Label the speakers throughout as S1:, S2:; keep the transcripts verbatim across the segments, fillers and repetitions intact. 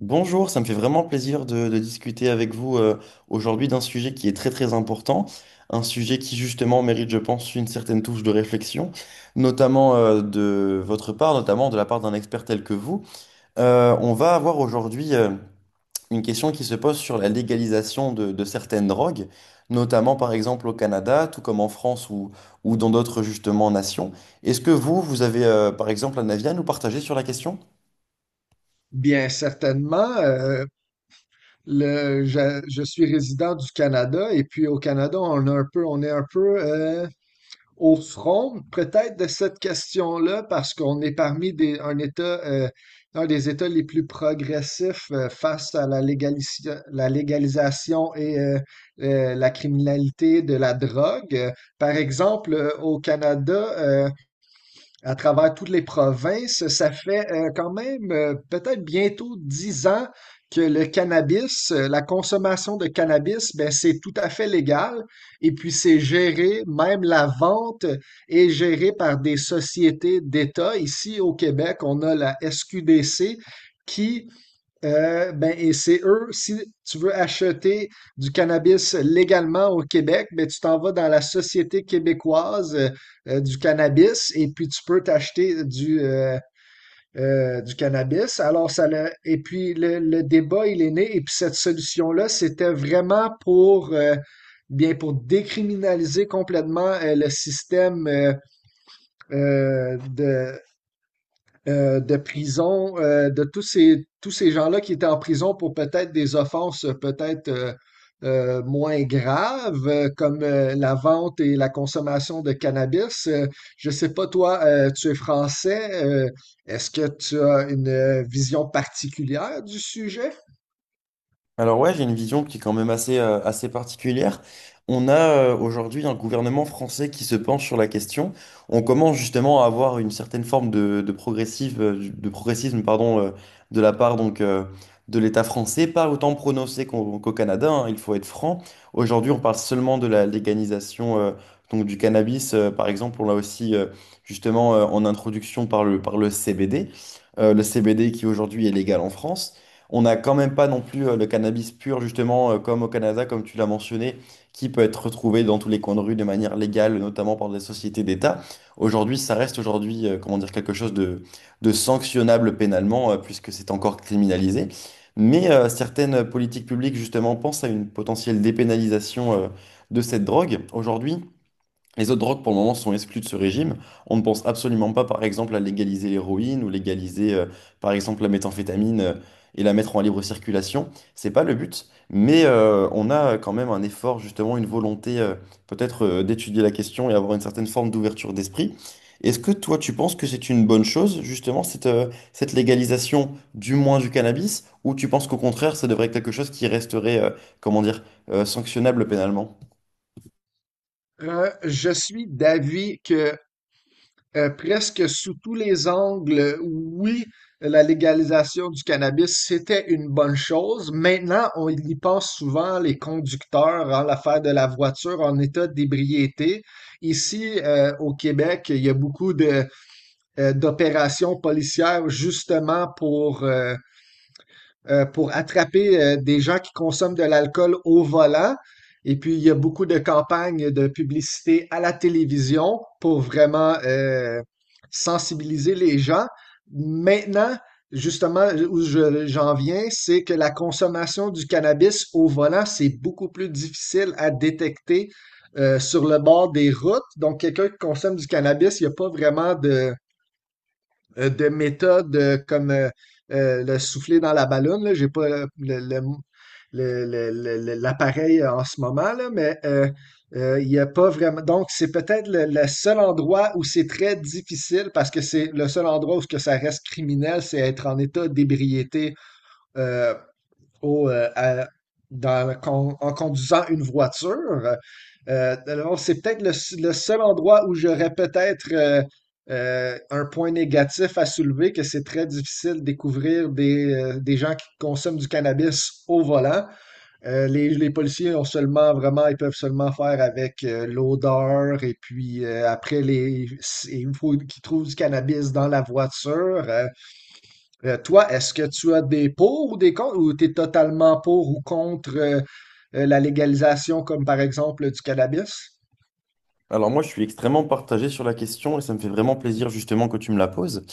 S1: Bonjour, ça me fait vraiment plaisir de, de discuter avec vous, euh, aujourd'hui d'un sujet qui est très très important, un sujet qui justement mérite, je pense, une certaine touche de réflexion, notamment, euh, de votre part, notamment de la part d'un expert tel que vous. Euh, on va avoir aujourd'hui, euh, une question qui se pose sur la légalisation de, de certaines drogues, notamment par exemple au Canada, tout comme en France ou, ou dans d'autres justement nations. Est-ce que vous, vous avez, euh, par exemple, un avis à nous partager sur la question?
S2: Bien certainement. euh, le, je, je suis résident du Canada et puis au Canada, on a un peu, on est un peu euh, au front peut-être de cette question-là parce qu'on est parmi des, un État, euh, un des États les plus progressifs euh, face à la, légalisi- la légalisation et euh, euh, la criminalité de la drogue. Euh, Par exemple, euh, au Canada, euh, à travers toutes les provinces. Ça fait euh, quand même euh, peut-être bientôt dix ans que le cannabis, euh, la consommation de cannabis, ben, c'est tout à fait légal. Et puis c'est géré, même la vente est gérée par des sociétés d'État. Ici au Québec, on a la S Q D C qui euh, ben, et c'est eux, si tu veux acheter du cannabis légalement au Québec, ben, tu t'en vas dans la Société québécoise euh, euh, du cannabis et puis tu peux t'acheter du, euh, euh, du cannabis. Alors, ça l'a- et puis le, le débat, il est né et puis cette solution-là, c'était vraiment pour, euh, bien, pour décriminaliser complètement euh, le système euh, euh, de, euh, de prison, euh, de tous ces, tous ces gens-là qui étaient en prison pour peut-être des offenses euh, peut-être euh, euh, moins graves, euh, comme euh, la vente et la consommation de cannabis. Euh, je sais pas, toi, euh, tu es français, euh, est-ce que tu as une euh, vision particulière du sujet?
S1: Alors ouais, j'ai une vision qui est quand même assez, euh, assez particulière. On a, euh, aujourd'hui un gouvernement français qui se penche sur la question. On commence justement à avoir une certaine forme de, de progressive, euh, de progressisme pardon, euh, de la part donc, euh, de l'État français, pas autant prononcé qu'au qu'au Canada, hein, il faut être franc. Aujourd'hui, on parle seulement de la légalisation, euh, donc du cannabis, euh, par exemple. On l'a aussi, euh, justement, euh, en introduction par le, par le C B D. Euh, le C B D qui aujourd'hui est légal en France. On n'a quand même pas non plus, euh, le cannabis pur, justement, euh, comme au Canada, comme tu l'as mentionné, qui peut être retrouvé dans tous les coins de rue de manière légale, notamment par des sociétés d'État. Aujourd'hui, ça reste aujourd'hui, euh, comment dire, quelque chose de, de sanctionnable pénalement, euh, puisque c'est encore criminalisé. Mais euh, certaines politiques publiques, justement, pensent à une potentielle dépénalisation, euh, de cette drogue. Aujourd'hui, les autres drogues, pour le moment, sont exclues de ce régime. On ne pense absolument pas, par exemple, à légaliser l'héroïne ou légaliser, euh, par exemple, la méthamphétamine, euh, et la mettre en libre circulation. C'est pas le but, mais euh, on a quand même un effort, justement, une volonté, euh, peut-être, euh, d'étudier la question et avoir une certaine forme d'ouverture d'esprit. Est-ce que toi, tu penses que c'est une bonne chose, justement, cette, euh, cette légalisation, du moins du cannabis, ou tu penses qu'au contraire, ça devrait être quelque chose qui resterait, euh, comment dire, euh, sanctionnable pénalement?
S2: Euh, je suis d'avis que Euh, presque sous tous les angles, oui, la légalisation du cannabis, c'était une bonne chose. Maintenant, on y pense souvent, les conducteurs, en l'affaire de la voiture en état d'ébriété. Ici, euh, au Québec, il y a beaucoup de, euh, d'opérations policières justement pour euh, euh, pour attraper euh, des gens qui consomment de l'alcool au volant. Et puis, il y a beaucoup de campagnes de publicité à la télévision pour vraiment euh, sensibiliser les gens. Maintenant, justement, où je- j'en viens, c'est que la consommation du cannabis au volant, c'est beaucoup plus difficile à détecter euh, sur le bord des routes. Donc, quelqu'un qui consomme du cannabis, il n'y a pas vraiment de, euh, de méthodes euh, comme euh, euh, le souffler dans la ballonne là. J'ai pas le- le- le mot- le- le- le- le- l'appareil euh, en ce moment, là, mais euh, euh, il n'y a pas vraiment. Donc, c'est peut-être le, le seul endroit où c'est très difficile parce que c'est le seul endroit où ce que ça reste criminel, c'est être en état d'ébriété euh, au, euh, à- dans la con- en conduisant une voiture. Euh, alors, c'est peut-être le, s- le seul endroit où j'aurais peut-être euh, euh, un point négatif à soulever, que c'est très difficile de découvrir des, euh, des gens qui consomment du cannabis au volant. Euh, les, les policiers ont seulement vraiment, ils peuvent seulement faire avec euh, l'odeur et puis euh, après les, s- il faut qu'ils trouvent du cannabis dans la voiture. Euh, euh, toi, est-ce que tu as des pour ou des contre ou tu es totalement pour ou contre euh, euh, la légalisation comme par exemple du cannabis?
S1: Alors moi, je suis extrêmement partagé sur la question et ça me fait vraiment plaisir justement que tu me la poses.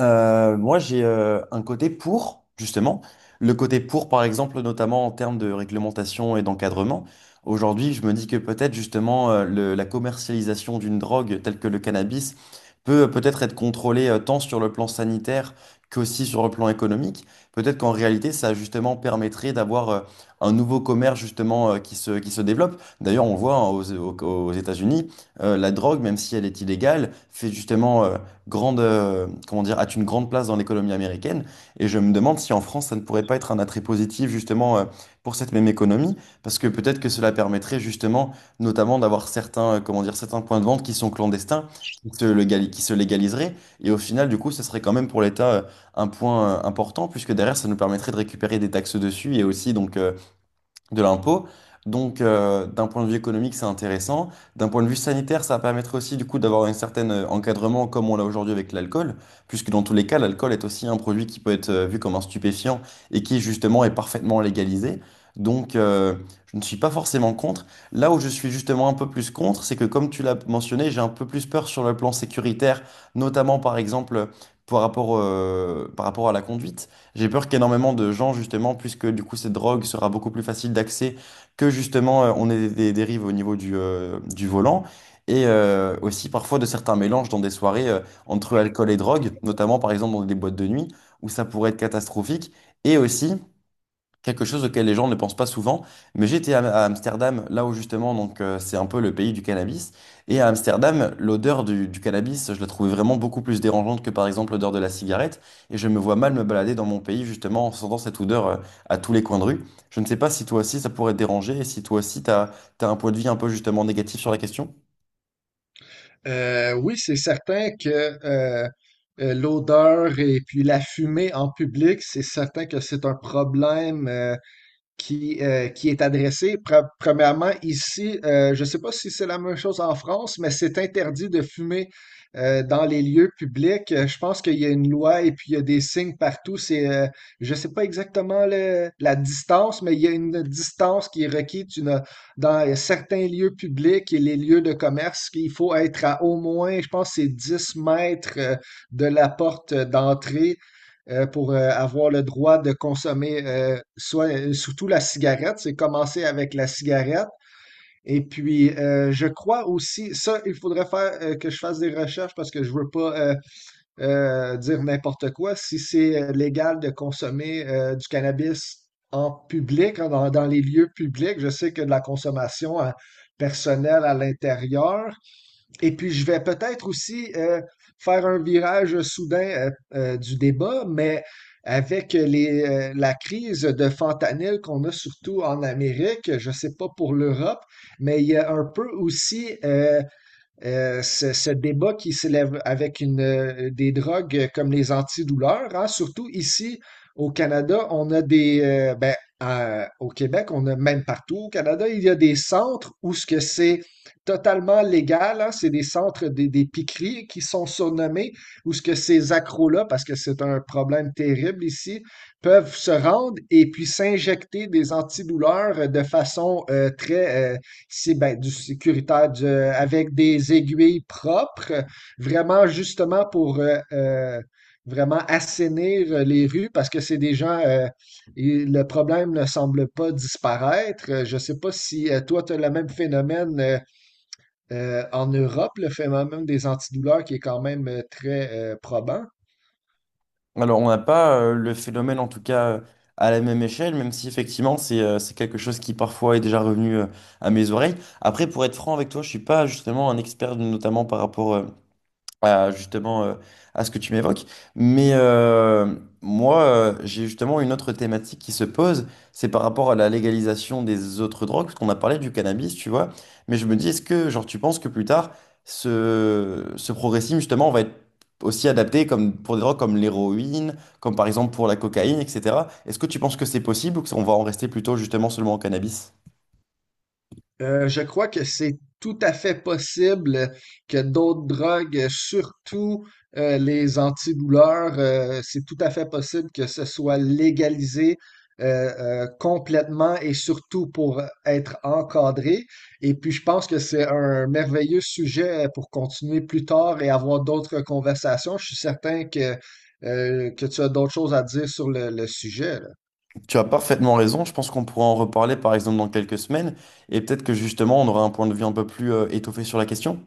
S1: Euh, moi, j'ai, euh, un côté pour, justement. Le côté pour, par exemple, notamment en termes de réglementation et d'encadrement. Aujourd'hui, je me dis que peut-être, justement, euh, le- la commercialisation d'une drogue telle que le cannabis peut, euh, peut-être être contrôlée, euh, tant sur le plan sanitaire qu'aussi sur le plan économique. Peut-être qu'en réalité, ça, justement, permettrait d'avoir, euh, un nouveau commerce, justement, euh, qui se, qui se développe. D'ailleurs, on voit hein, aux, aux- aux États-Unis, euh, la drogue, même si elle est illégale, fait justement, euh, grande, euh, comment dire, a une grande place dans l'économie américaine. Et je me demande si en France, ça ne pourrait pas être un attrait positif justement, euh, pour cette même économie, parce que peut-être que cela permettrait justement, notamment, d'avoir certains, euh, comment dire, certains points de vente qui sont clandestins, qui se, légali- qui se légaliseraient. Et au final, du coup, ce serait quand même pour l'État, euh, un point, euh, important, puisque derrière, ça nous permettrait de récupérer des taxes dessus et aussi donc, euh, de l'impôt. Donc, euh, d'un point de vue économique, c'est intéressant. D'un point de vue sanitaire, ça va permettre aussi, du coup, d'avoir un certain euh, encadrement comme on l'a aujourd'hui avec l'alcool, puisque dans tous les cas, l'alcool est aussi un produit qui peut être euh, vu comme un stupéfiant et qui, justement, est parfaitement légalisé. Donc, euh, je ne suis pas forcément contre. Là où je suis justement un peu plus contre, c'est que, comme tu l'as mentionné, j'ai un peu plus peur sur le plan sécuritaire, notamment, par exemple, par rapport, euh, par rapport à la conduite. J'ai peur qu'énormément de gens, justement, puisque du coup cette drogue sera beaucoup plus facile d'accès, que justement euh, on ait des, des dérives au niveau du, euh, du volant, et euh, aussi parfois de certains mélanges dans des soirées euh, entre alcool et drogue, notamment par exemple dans des boîtes de nuit, où ça pourrait être catastrophique, et aussi quelque chose auquel les gens ne pensent pas souvent. Mais j'étais à, à Amsterdam, là où justement, donc euh, c'est un peu le pays du cannabis. Et à Amsterdam, l'odeur du, du cannabis, je la trouvais vraiment beaucoup plus dérangeante que par exemple l'odeur de la cigarette. Et je me vois mal me balader dans mon pays justement en sentant cette odeur, euh, à tous les coins de rue. Je ne sais pas si toi aussi ça pourrait te déranger et si toi aussi t'as, t'as un point de vue un peu justement négatif sur la question.
S2: Euh, oui, c'est certain que euh, euh, l'odeur et puis la fumée en public, c'est certain que c'est un problème euh, qui, euh, qui est adressée. Pre- Premièrement, ici, euh, je ne sais pas si c'est la même chose en France, mais c'est interdit de fumer euh, dans les lieux publics. Euh, Je pense qu'il y a une loi et puis il y a des signes partout. C'est, euh, je ne sais pas exactement le- la distance, mais il y a une distance qui est requise. Tu n'as- dans certains lieux publics et les lieux de commerce, il faut être à au moins, je pense, que c'est dix mètres euh, de la porte d'entrée euh, pour euh, avoir le droit de consommer euh, soit euh, surtout la cigarette. C'est commencer avec la cigarette. Et puis, euh, je crois aussi, ça, il faudrait faire euh, que je fasse des recherches parce que je veux pas euh, euh, dire n'importe quoi. Si c'est euh, légal de consommer euh, du cannabis en public, hein, dans, dans les lieux publics, je sais que de la consommation euh, personnelle à l'intérieur, et puis, je vais peut-être aussi euh, faire un virage soudain euh, euh, du débat, mais avec les, euh, la crise de fentanyl qu'on a surtout en Amérique, je ne sais pas pour l'Europe, mais il y a un peu aussi euh, euh, ce, ce débat qui s'élève avec une, euh, des drogues comme les antidouleurs, hein, surtout ici au Canada, on a des, euh, ben, à- au Québec, on a même partout au Canada, il y a des centres où ce que c'est totalement légal, hein, c'est des centres des, des piqueries qui sont surnommés, où ce que ces accros-là, parce que c'est un problème terrible ici, peuvent se rendre et puis s'injecter des antidouleurs de façon euh, très euh, c'est ben, du sécuritaire du- avec des aiguilles propres, vraiment justement pour euh, euh, vraiment assainir les rues parce que c'est des gens, euh, et le problème ne semble pas disparaître. Euh, Je ne sais pas si euh, toi, tu as le même phénomène euh, euh, en Europe, le phénomène des antidouleurs qui est quand même euh, très euh, probant.
S1: Alors, on n'a pas, euh, le phénomène, en tout cas, euh, à la même échelle, même si effectivement, c'est euh, c'est quelque chose qui parfois est déjà revenu, euh, à mes oreilles. Après, pour être franc avec toi, je suis pas justement un expert, notamment par rapport, euh, à, justement, euh, à ce que tu m'évoques. Mais euh, moi, euh, j'ai justement une autre thématique qui se pose, c'est par rapport à la légalisation des autres drogues, parce qu'on a parlé du cannabis, tu vois. Mais je me dis, est-ce que, genre, tu penses que plus tard, ce, ce progressisme, justement, va être aussi adapté comme pour des drogues comme l'héroïne, comme par exemple pour la cocaïne, et cetera. Est-ce que tu penses que c'est possible ou qu'on va en rester plutôt justement seulement au cannabis?
S2: Euh, je crois que c'est tout à fait possible que d'autres drogues, surtout euh, les antidouleurs, euh, c'est tout à fait possible que ce soit légalisé euh, euh, complètement et surtout pour être encadré. Et puis, je pense que c'est un merveilleux sujet pour continuer plus tard et avoir d'autres conversations. Je suis certain que, euh, que tu as d'autres choses à dire sur le, le sujet, là.
S1: Tu as parfaitement raison. Je pense qu'on pourra en reparler, par exemple, dans quelques semaines. Et peut-être que justement, on aura un point de vue un peu plus, euh, étoffé sur la question.